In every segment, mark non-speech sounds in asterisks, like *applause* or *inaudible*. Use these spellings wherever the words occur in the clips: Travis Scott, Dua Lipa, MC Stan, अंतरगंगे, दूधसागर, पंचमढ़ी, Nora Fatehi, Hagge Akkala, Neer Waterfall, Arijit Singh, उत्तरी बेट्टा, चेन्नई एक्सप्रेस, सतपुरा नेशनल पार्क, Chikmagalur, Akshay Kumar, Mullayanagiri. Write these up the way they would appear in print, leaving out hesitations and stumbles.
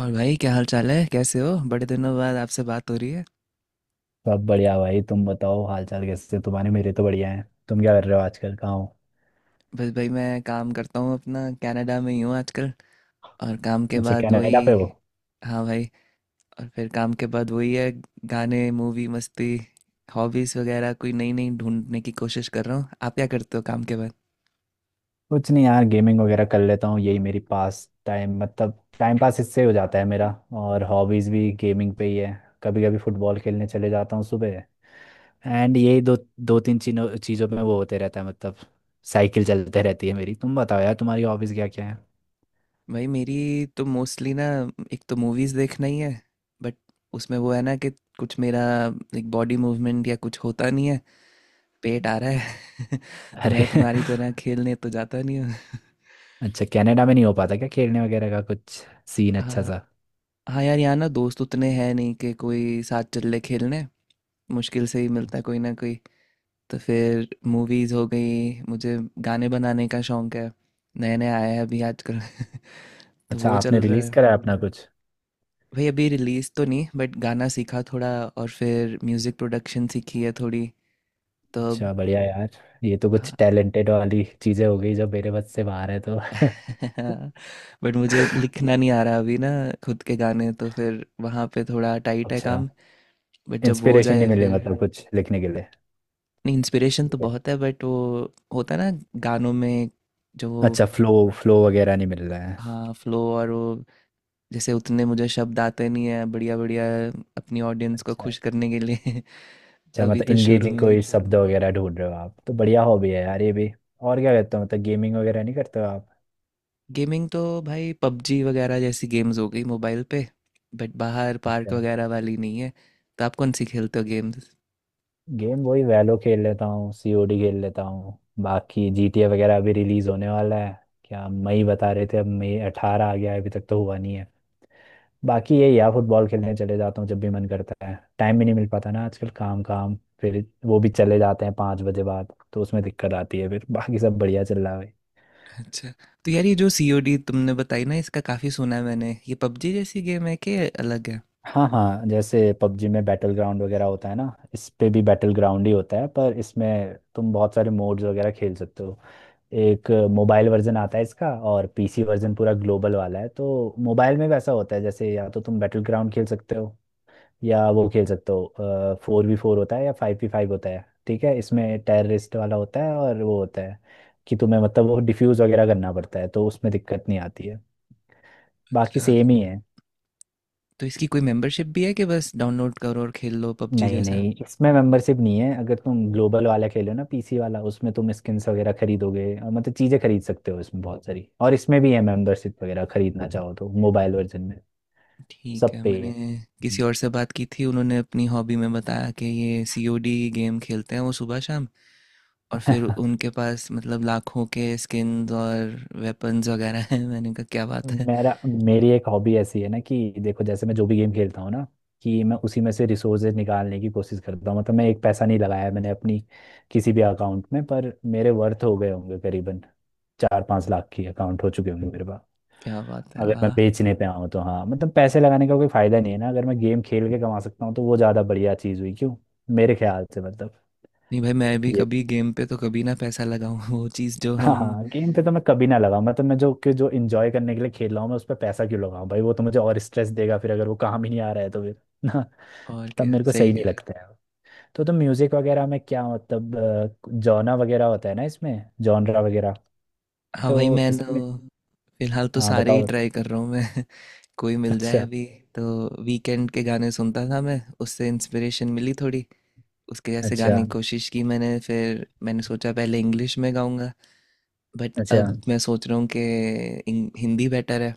और भाई क्या हाल चाल है, कैसे हो? बड़े दिनों बाद आपसे बात हो रही है। सब बढ़िया भाई। तुम बताओ हालचाल कैसे तुम्हारे। मेरे तो बढ़िया हैं। तुम क्या कर रहे हो आजकल कहाँ हो। बस भाई, मैं काम करता हूँ, अपना कनाडा में ही हूँ आजकल। और काम के अच्छा बाद वही। कनाडा पे हो। हाँ भाई। और फिर काम के बाद वही है। गाने, मूवी, मस्ती। हॉबीज़ वगैरह कोई नई नई ढूंढने की कोशिश कर रहा हूँ। आप क्या करते हो काम के बाद? कुछ नहीं यार गेमिंग वगैरह कर लेता हूँ। यही मेरी पास टाइम मतलब टाइम पास इससे हो जाता है मेरा। और हॉबीज भी गेमिंग पे ही है। कभी कभी फुटबॉल खेलने चले जाता हूँ सुबह। एंड यही दो दो तीन चीनों चीज़ों में वो होते रहता है मतलब। साइकिल चलते रहती है मेरी। तुम बताओ यार तुम्हारी हॉबीज क्या क्या है। भाई मेरी तो मोस्टली ना, एक तो मूवीज़ देखना ही है। बट उसमें वो है ना कि कुछ मेरा एक बॉडी मूवमेंट या कुछ होता नहीं है। पेट आ रहा है *laughs* तो अरे मैं *laughs* तुम्हारी तरह खेलने तो जाता नहीं हूँ। *laughs* अच्छा कनाडा में नहीं हो पाता क्या खेलने वगैरह का कुछ सीन अच्छा हाँ। सा। हाँ यार, यहाँ ना दोस्त उतने हैं नहीं कि कोई साथ चल ले खेलने। मुश्किल से ही मिलता है कोई ना कोई। तो फिर मूवीज़ हो गई मुझे। गाने बनाने का शौक है। नए नए आए हैं अभी आजकल। *laughs* तो अच्छा वो आपने चल रहा रिलीज है। करा है अपना कुछ। भाई अभी रिलीज़ तो नहीं, बट गाना सीखा थोड़ा और फिर म्यूज़िक प्रोडक्शन सीखी है थोड़ी। तो अब अच्छा बढ़िया यार। ये तो कुछ हाँ। टैलेंटेड वाली चीजें हो गई जो मेरे बस से बाहर है तो *laughs* *laughs* बट मुझे लिखना नहीं आ रहा अभी ना। खुद के गाने तो फिर वहाँ पे थोड़ा टाइट है अच्छा। काम। बट जब वो हो इंस्पिरेशन जाए नहीं मिले फिर। मतलब कुछ लिखने के लिए। नहीं, इंस्पिरेशन तो ठीक है। बहुत है, बट वो होता है ना गानों में, जो वो। अच्छा फ्लो फ्लो वगैरह नहीं मिल रहा है। हाँ फ्लो और वो, जैसे उतने मुझे शब्द आते नहीं है बढ़िया बढ़िया, अपनी ऑडियंस को अच्छा। खुश करने के लिए। *laughs* तो अच्छा अभी मतलब तो शुरू इंगेजिंग में ही। कोई शब्द वगैरह ढूंढ रहे हो आप तो बढ़िया हॉबी है यार ये भी। और क्या करते हो मतलब गेमिंग वगैरह नहीं करते हो आप। गेमिंग तो भाई पबजी वगैरह जैसी गेम्स हो गई मोबाइल पे। बट बाहर पार्क अच्छा। वगैरह वाली नहीं है। तो आप कौन सी खेलते हो गेम्स? गेम वही वैलो खेल लेता हूँ। सीओडी खेल लेता हूँ। बाकी जीटीए वगैरह अभी रिलीज होने वाला है। क्या मई बता रहे थे। अब मई 18 आ गया है अभी तक तो हुआ नहीं है। बाकी यही यार फुटबॉल खेलने चले जाता हूँ जब भी मन करता है। टाइम भी नहीं मिल पाता ना आजकल। काम काम फिर वो भी चले जाते हैं 5 बजे बाद तो उसमें दिक्कत आती है फिर *laughs* बाकी सब बढ़िया चल रहा है भाई। अच्छा, तो यार ये जो सीओडी तुमने बताई ना, इसका काफ़ी सुना है मैंने, ये पबजी जैसी गेम है कि अलग है? हाँ हाँ जैसे पबजी में बैटल ग्राउंड वगैरह होता है ना। इस पे भी बैटल ग्राउंड ही होता है पर इसमें तुम बहुत सारे मोड्स वगैरह खेल सकते हो। एक मोबाइल वर्जन आता है इसका और पीसी वर्जन पूरा ग्लोबल वाला है तो मोबाइल में वैसा होता है जैसे या तो तुम बैटल ग्राउंड खेल सकते हो। या वो खेल सकते हो। 4v4 होता है या 5v5 होता है। ठीक है इसमें टेररिस्ट वाला होता है और वो होता है कि तुम्हें मतलब वो डिफ्यूज वगैरह करना पड़ता है तो उसमें दिक्कत नहीं आती है। बाकी अच्छा, सेम ही है। तो इसकी कोई मेंबरशिप भी है कि बस डाउनलोड करो और खेल लो पबजी नहीं जैसा? नहीं इसमें मेंबरशिप नहीं है। अगर तुम ग्लोबल वाला खेलो ना पीसी वाला उसमें तुम स्किन्स वगैरह खरीदोगे और मतलब चीज़ें खरीद सकते हो इसमें बहुत सारी। और इसमें भी है मेंबरशिप वगैरह खरीदना चाहो तो मोबाइल वर्जन में। ठीक सब है, पे मैंने किसी और से बात की थी, उन्होंने अपनी हॉबी में बताया कि ये सीओडी गेम खेलते हैं वो सुबह शाम। और है। फिर *laughs* उनके पास मतलब लाखों के स्किन्स और वेपन्स वगैरह हैं। *laughs* मैंने कहा मेरा मेरी एक हॉबी ऐसी है ना कि देखो जैसे मैं जो भी गेम खेलता हूँ ना कि मैं उसी में से रिसोर्सेज निकालने की कोशिश करता हूँ। मतलब मैं एक पैसा नहीं लगाया है मैंने अपनी किसी भी अकाउंट में पर मेरे वर्थ हो गए होंगे करीबन 4-5 लाख की अकाउंट हो चुके होंगे मेरे पास। क्या बात है, अगर मैं वाह! बेचने पे आऊँ तो हाँ मतलब पैसे लगाने का कोई फायदा नहीं है ना अगर मैं गेम खेल के कमा सकता हूँ तो वो ज़्यादा बढ़िया चीज़ हुई क्यों मेरे ख्याल से मतलब। नहीं भाई, मैं भी कभी गेम पे तो कभी ना पैसा लगाऊं *laughs* वो चीज़ जो हाँ हम। हाँ गेम पे तो मैं कभी ना लगाऊं। मैं जो इंजॉय करने के लिए खेल रहा हूँ मैं उस पर पैसा क्यों लगाऊं भाई। वो तो मुझे और स्ट्रेस देगा फिर अगर वो काम ही नहीं आ रहा है तो फिर *laughs* ना। और तब क्या, मेरे को सही सही नहीं कह रहे हैं। लगता है। तो तुम म्यूजिक वगैरह में क्या मतलब जॉना वगैरह होता है ना इसमें जॉनरा वगैरह हाँ भाई तो मैं इसमें। तो फिलहाल तो हाँ सारे ही बताओ बताओ। ट्राई कर रहा हूँ मैं। *laughs* कोई मिल जाए अच्छा अभी। तो वीकेंड के गाने सुनता था मैं, उससे इंस्पिरेशन मिली थोड़ी। उसके जैसे अच्छा गाने की कोशिश की मैंने, फिर मैंने सोचा पहले इंग्लिश में गाऊंगा। बट अच्छा अच्छा। अब मैं सोच रहा हूँ कि हिंदी बेटर है।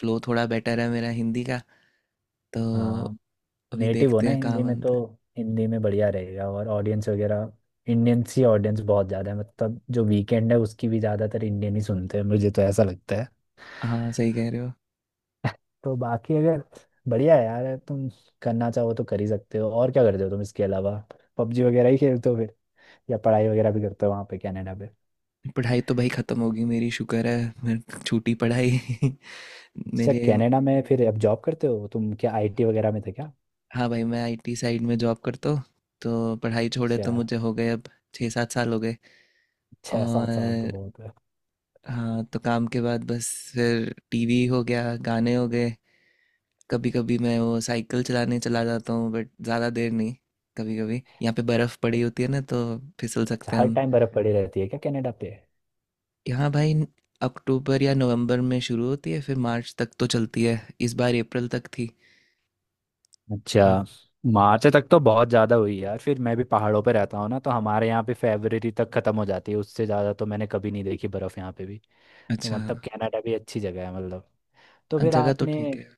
फ्लो थोड़ा बेटर है मेरा हिंदी का। तो हाँ अभी नेटिव हो देखते ना हैं कहाँ हिंदी में तो। बनता हिंदी में बढ़िया रहेगा और ऑडियंस वगैरह इंडियन सी ऑडियंस बहुत ज़्यादा है मतलब जो वीकेंड है उसकी भी ज़्यादातर इंडियन ही सुनते हैं मुझे तो ऐसा लगता है है। हाँ, सही कह रहे हो। *laughs* तो बाकी अगर बढ़िया है यार तुम करना चाहो तो कर ही सकते हो। और क्या करते हो तुम इसके अलावा पबजी वगैरह ही खेलते हो फिर या पढ़ाई वगैरह भी करते हो वहाँ पे कनाडा पे। पढ़ाई तो भाई ख़त्म होगी मेरी, शुक्र है मेरे छूटी पढ़ाई। *laughs* अच्छा मेरे, कनाडा में फिर अब जॉब करते हो तुम क्या आईटी वगैरह में थे क्या। हाँ भाई मैं आईटी साइड में जॉब करता हूँ। तो पढ़ाई छोड़े अच्छा। तो मुझे हो गए अब 6 7 साल हो गए। छः और सात साल तो बहुत है। हाँ, तो काम के बाद बस फिर टीवी हो गया, गाने हो गए। कभी कभी मैं वो साइकिल चलाने चला जाता हूँ बट ज़्यादा देर नहीं। कभी कभी यहाँ पे बर्फ़ पड़ी होती है ना, तो फिसल अच्छा सकते हैं हर हम। टाइम बर्फ़ पड़ी रहती है क्या कनाडा पे। यहाँ भाई अक्टूबर या नवंबर में शुरू होती है, फिर मार्च तक तो चलती है। इस बार अप्रैल तक थी। तो अच्छा मार्च तक तो बहुत ज़्यादा हुई यार। फिर मैं भी पहाड़ों पे रहता हूँ ना तो हमारे यहाँ पे फरवरी तक ख़त्म हो जाती है। उससे ज़्यादा तो मैंने कभी नहीं देखी बर्फ़ यहाँ पे भी। तो अच्छा, मतलब कनाडा भी अच्छी जगह है मतलब। तो फिर जगह तो आपने ठीक है।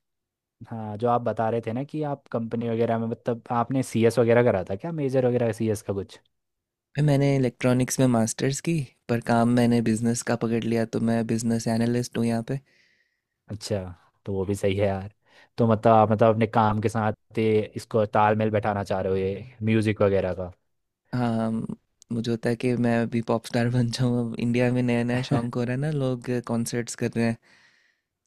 हाँ जो आप बता रहे थे ना कि आप कंपनी वगैरह में मतलब आपने सीएस वगैरह करा था क्या मेजर वगैरह सीएस का कुछ। मैंने इलेक्ट्रॉनिक्स में मास्टर्स की, पर काम मैंने बिजनेस का पकड़ लिया, तो मैं बिजनेस एनालिस्ट हूँ यहाँ पे। अच्छा तो वो भी सही है यार। तो मतलब आप मतलब अपने काम के साथ ये इसको तालमेल बैठाना चाह रहे हो ये म्यूज़िक वगैरह का हाँ, मुझे होता है कि मैं अभी पॉप स्टार *laughs* बन जाऊँ। अब इंडिया में नया नया शौक हो *laughs* रहा है ना, लोग कॉन्सर्ट्स कर रहे हैं।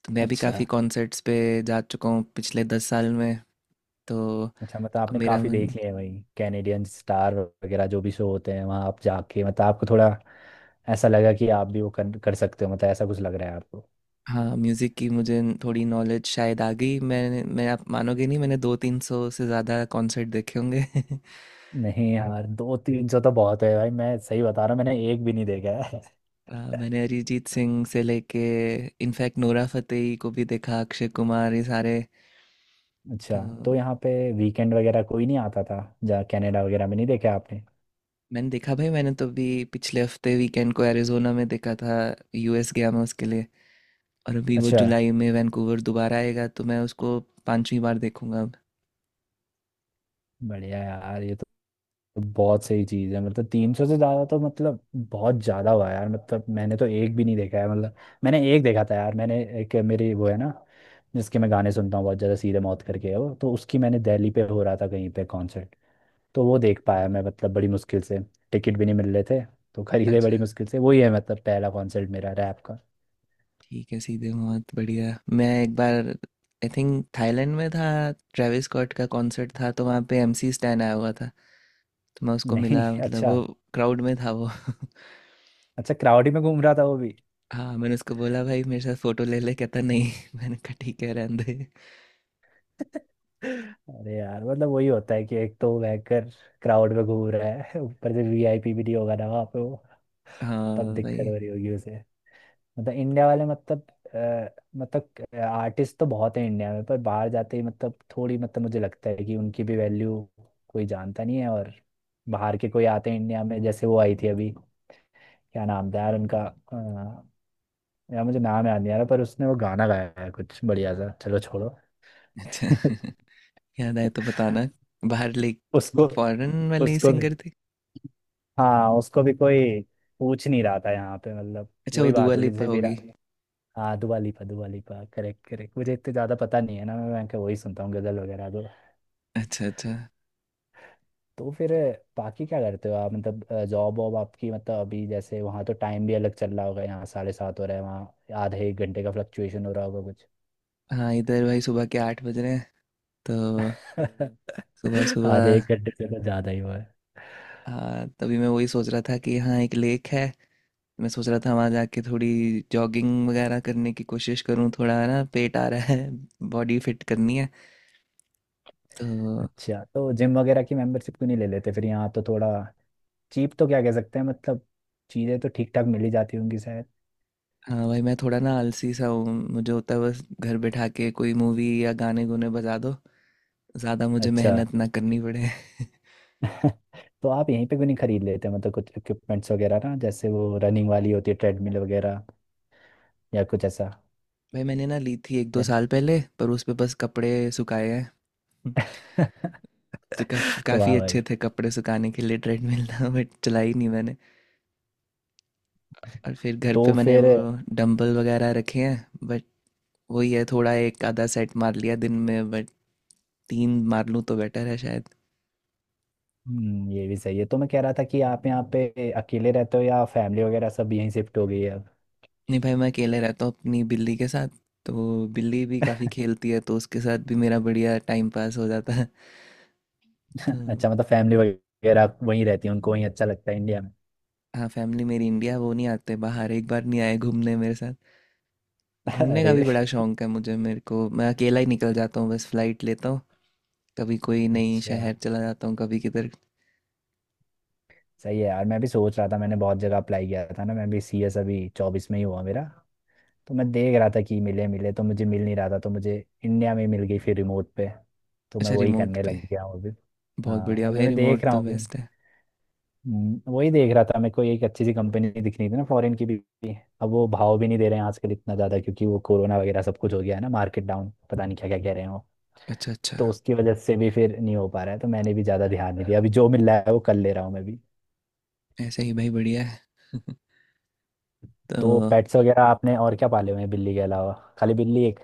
तो मैं भी अच्छा काफ़ी कॉन्सर्ट्स पे जा चुका हूँ पिछले 10 साल में। तो अब अच्छा मतलब आपने मेरा काफी मन। देख लिए हैं वही कैनेडियन स्टार वगैरह जो भी शो होते हैं वहां आप जाके मतलब आपको थोड़ा ऐसा लगा कि आप भी वो कर सकते हो मतलब ऐसा कुछ लग रहा है आपको। हाँ, म्यूज़िक की मुझे थोड़ी नॉलेज शायद आ गई। मैंने, मैं आप मानोगे नहीं, मैंने दो तीन सौ से ज़्यादा कॉन्सर्ट देखे होंगे। *laughs* नहीं यार 200-300 तो बहुत है भाई। मैं सही बता रहा हूँ मैंने एक भी नहीं देखा है। मैंने अरिजीत सिंह से लेके इनफैक्ट नोरा फतेही को भी देखा, अक्षय कुमार, ये सारे। अच्छा तो तो यहाँ पे वीकेंड वगैरह कोई नहीं आता था जहाँ कनाडा वगैरह में नहीं देखा आपने। मैंने देखा भाई, मैंने तो अभी पिछले हफ्ते वीकेंड को एरिजोना में देखा था। यूएस गया मैं उसके लिए। और अभी वो अच्छा जुलाई में वैंकूवर दोबारा आएगा, तो मैं उसको 5वीं बार देखूंगा अब। बढ़िया यार ये तो। तो बहुत सही चीज है मतलब 300 से ज्यादा तो मतलब बहुत ज्यादा हुआ यार मतलब मैंने तो एक भी नहीं देखा है मतलब। मैंने एक देखा था यार। मैंने एक मेरी वो है ना जिसके मैं गाने सुनता हूँ बहुत ज्यादा सीधे मौत करके है वो तो उसकी मैंने दिल्ली पे हो रहा था कहीं पे कॉन्सर्ट। तो वो देख पाया मैं मतलब बड़ी मुश्किल से। टिकट भी नहीं मिल रहे थे तो खरीदे बड़ी अच्छा, मुश्किल से। वही है मतलब पहला कॉन्सर्ट मेरा रैप का। ठीक है, सीधे बहुत बढ़िया। मैं एक बार आई थिंक थाईलैंड में था, ट्रेविस स्कॉट का कॉन्सर्ट था, तो वहाँ पे एमसी स्टैन आया हुआ था। तो मैं उसको नहीं मिला, *laughs* मतलब अच्छा। वो क्राउड में था वो। *laughs* अच्छा क्राउड ही में घूम रहा था वो भी। हाँ, मैंने उसको बोला भाई मेरे साथ फोटो ले ले, कहता नहीं। *laughs* मैंने कहा ठीक है रहने दे। अरे यार मतलब वही होता है कि एक तो बैंकर क्राउड में घूम रहा है *laughs* ऊपर से वीआईपी भी नहीं होगा ना वहाँ पे वो। तब हाँ दिक्कत हो भाई। रही होगी उसे मतलब इंडिया वाले मतलब मतलब आर्टिस्ट तो बहुत है इंडिया में पर बाहर जाते ही मतलब थोड़ी मतलब मुझे लगता है कि उनकी भी वैल्यू कोई जानता नहीं है। और बाहर के कोई आते हैं इंडिया में जैसे वो आई थी अभी क्या नाम था यार उनका यार मुझे नाम याद नहीं आ रहा पर उसने वो गाना गाया है कुछ बढ़िया सा चलो छोड़ो अच्छा। *laughs* याद आए तो बताना। *laughs* बाहर ले, उसको फॉरेन वाली उसको भी। सिंगर थी। हाँ उसको भी कोई पूछ नहीं रहा था यहाँ पे मतलब अच्छा, वो वही दुआ बात होगी लिपा जैसे विरा। होगी। हाँ दुआ लिपा करेक्ट करेक्ट। मुझे इतने ज़्यादा पता नहीं है ना। मैं क्या वही सुनता हूँ गज़ल वगैरह तो। अच्छा अच्छा। तो फिर बाकी क्या करते हो आप मतलब जॉब वॉब आपकी मतलब अभी जैसे वहाँ तो टाइम भी अलग चल रहा होगा यहाँ 7:30 हो रहा है वहाँ आधे एक घंटे का फ्लक्चुएशन हो रहा होगा कुछ। हाँ इधर भाई सुबह के 8 बज रहे हैं। तो सुबह *laughs* आधे सुबह एक घंटे से तो ज़्यादा ही हुआ है। हाँ, तभी मैं वही सोच रहा था कि यहाँ एक लेक है। मैं सोच रहा था वहाँ जाके थोड़ी जॉगिंग वगैरह करने की कोशिश करूँ, थोड़ा ना पेट आ रहा है, बॉडी फिट करनी है। तो अच्छा तो जिम वगैरह की मेंबरशिप क्यों नहीं ले लेते फिर यहाँ तो थोड़ा चीप तो क्या कह सकते हैं मतलब चीज़ें तो ठीक ठाक मिल ही जाती होंगी शायद। हाँ भाई, मैं थोड़ा ना आलसी सा हूँ, मुझे होता है बस घर बैठा के कोई मूवी या गाने गुने बजा दो, ज़्यादा मुझे अच्छा। मेहनत ना करनी पड़े। *laughs* *laughs* तो आप यहीं पे क्यों नहीं खरीद लेते मतलब कुछ इक्विपमेंट्स वगैरह ना जैसे वो रनिंग वाली होती है ट्रेडमिल वगैरह या कुछ ऐसा भाई मैंने ना ली थी एक दो या साल पहले, पर उस पे बस कपड़े सुखाए हैं। *laughs* तो *laughs* काफ़ी वाह भाई। अच्छे थे कपड़े सुखाने के लिए, ट्रेडमिल था बट चलाई नहीं मैंने। और फिर घर पे तो मैंने फिर वो डंबल वगैरह रखे हैं, बट वही है थोड़ा एक आधा सेट मार लिया दिन में, बट तीन मार लूँ तो बेटर है। ये भी सही है। तो मैं कह रहा था कि आप यहाँ पे अकेले रहते हो या फैमिली वगैरह सब यहीं शिफ्ट हो गई है अब। नहीं भाई, मैं अकेले रहता हूँ अपनी बिल्ली के साथ। तो बिल्ली भी काफ़ी खेलती है, तो उसके साथ भी मेरा बढ़िया टाइम पास हो जाता है। तो *laughs* अच्छा मतलब फैमिली वगैरह वहीं रहती है उनको वहीं अच्छा लगता है इंडिया में। हाँ, फैमिली मेरी इंडिया, वो नहीं आते बाहर, एक बार नहीं आए घूमने मेरे साथ। *laughs* घूमने का अरे। भी बड़ा शौक है मुझे, मेरे को मैं अकेला ही निकल जाता हूँ, बस फ्लाइट लेता हूँ कभी कोई नई अच्छा शहर चला जाता हूँ, कभी किधर। सही है यार। मैं भी सोच रहा था मैंने बहुत जगह अप्लाई किया था ना। मैं भी सीएस अभी 24 में ही हुआ मेरा। तो मैं देख रहा था कि मिले मिले तो मुझे मिल नहीं रहा था तो मुझे इंडिया में मिल गई फिर रिमोट पे। तो मैं अच्छा वही रिमोट करने पे, लग गया हूँ अभी। बहुत हाँ बढ़िया अभी भाई, मैं रिमोट देख रहा तो हूँ अभी। बेस्ट है। वही देख रहा था मेरे को एक अच्छी सी कंपनी दिख रही थी ना फॉरेन की भी। अब वो भाव भी नहीं दे रहे हैं आजकल इतना ज़्यादा क्योंकि वो कोरोना वगैरह सब कुछ हो गया है ना। मार्केट डाउन पता नहीं क्या क्या कह रहे हैं वो। अच्छा अच्छा। तो उसकी वजह से भी फिर नहीं हो पा रहा है। तो मैंने भी ज़्यादा ध्यान नहीं दिया। अभी जो मिल रहा है वो कर ले रहा हूँ मैं भी। ऐसे ही भाई बढ़िया है। *laughs* तो तो पेट्स वगैरह आपने और क्या पाले हुए हैं बिल्ली के अलावा। खाली बिल्ली एक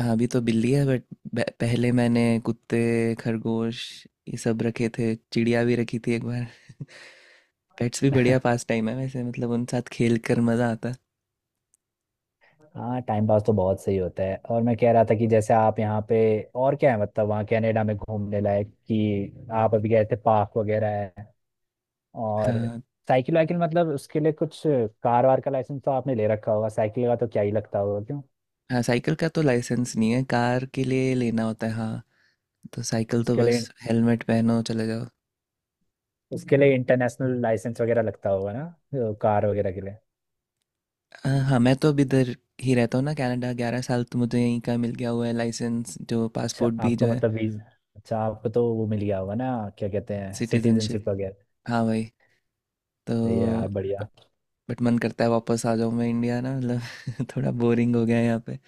हाँ, अभी तो बिल्ली है, बट पहले मैंने कुत्ते, खरगोश, ये सब रखे थे, चिड़िया भी रखी थी एक बार। पेट्स भी बढ़िया पास *laughs* टाइम है वैसे, मतलब उन साथ खेल कर मज़ा आता है। हाँ टाइम पास तो बहुत सही होता है। और मैं कह रहा था कि जैसे आप यहाँ पे और क्या है मतलब वहाँ कनाडा में घूमने लायक कि आप अभी गए थे पार्क वगैरह है और हाँ साइकिल वाइकिल मतलब उसके लिए कुछ कार वार का लाइसेंस तो आपने ले रखा होगा। साइकिल का तो क्या ही लगता होगा क्यों। हाँ, साइकिल का तो लाइसेंस नहीं है, कार के लिए लेना होता है हाँ। तो साइकिल तो उसके बस लिए हेलमेट पहनो चले जाओ। उसके लिए इंटरनेशनल लाइसेंस वगैरह लगता होगा ना तो कार वगैरह के लिए। हाँ हाँ, मैं तो अब इधर ही रहता हूँ ना कनाडा, 11 साल तो मुझे, यहीं का मिल गया हुआ है लाइसेंस, जो अच्छा पासपोर्ट भी आपको जो है। मतलब वीज अच्छा आपको तो वो मिल गया होगा ना क्या कहते हैं सिटीजनशिप सिटीजनशिप वगैरह। हाँ भाई। तो ये यार बढ़िया। बट मन करता है वापस आ जाऊं मैं इंडिया ना, मतलब *laughs* थोड़ा बोरिंग हो गया है यहाँ पे।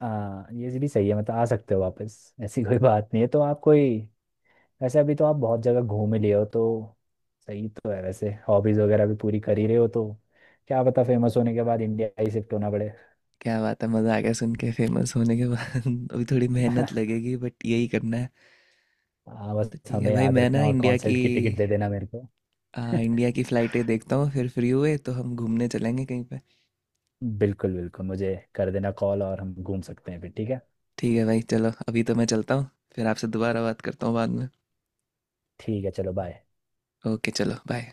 हाँ ये भी सही है मतलब आ सकते हो वापस ऐसी कोई बात नहीं है तो आप कोई वैसे अभी तो आप बहुत जगह घूम ही लिए हो तो सही तो है वैसे। हॉबीज वगैरह भी पूरी कर ही रहे हो तो क्या पता फेमस होने के बाद इंडिया ही शिफ्ट होना पड़े। क्या बात है, मज़ा आ गया सुन के, फेमस होने के बाद *laughs* अभी थोड़ी *laughs* मेहनत लगेगी बट यही करना है। हाँ बस तो ठीक है हमें भाई, याद मैं ना रखना और इंडिया की, कॉन्सर्ट की टिकट दे देना मेरे को। इंडिया की फ़्लाइटें देखता हूँ, फिर फ्री हुए तो हम घूमने चलेंगे कहीं पे। *laughs* बिल्कुल बिल्कुल मुझे कर देना कॉल और हम घूम सकते हैं फिर। ठीक है। ठीक है भाई चलो, अभी तो मैं चलता हूँ, फिर आपसे दोबारा बात करता हूँ बाद में। ठीक है चलो बाय। ओके चलो बाय।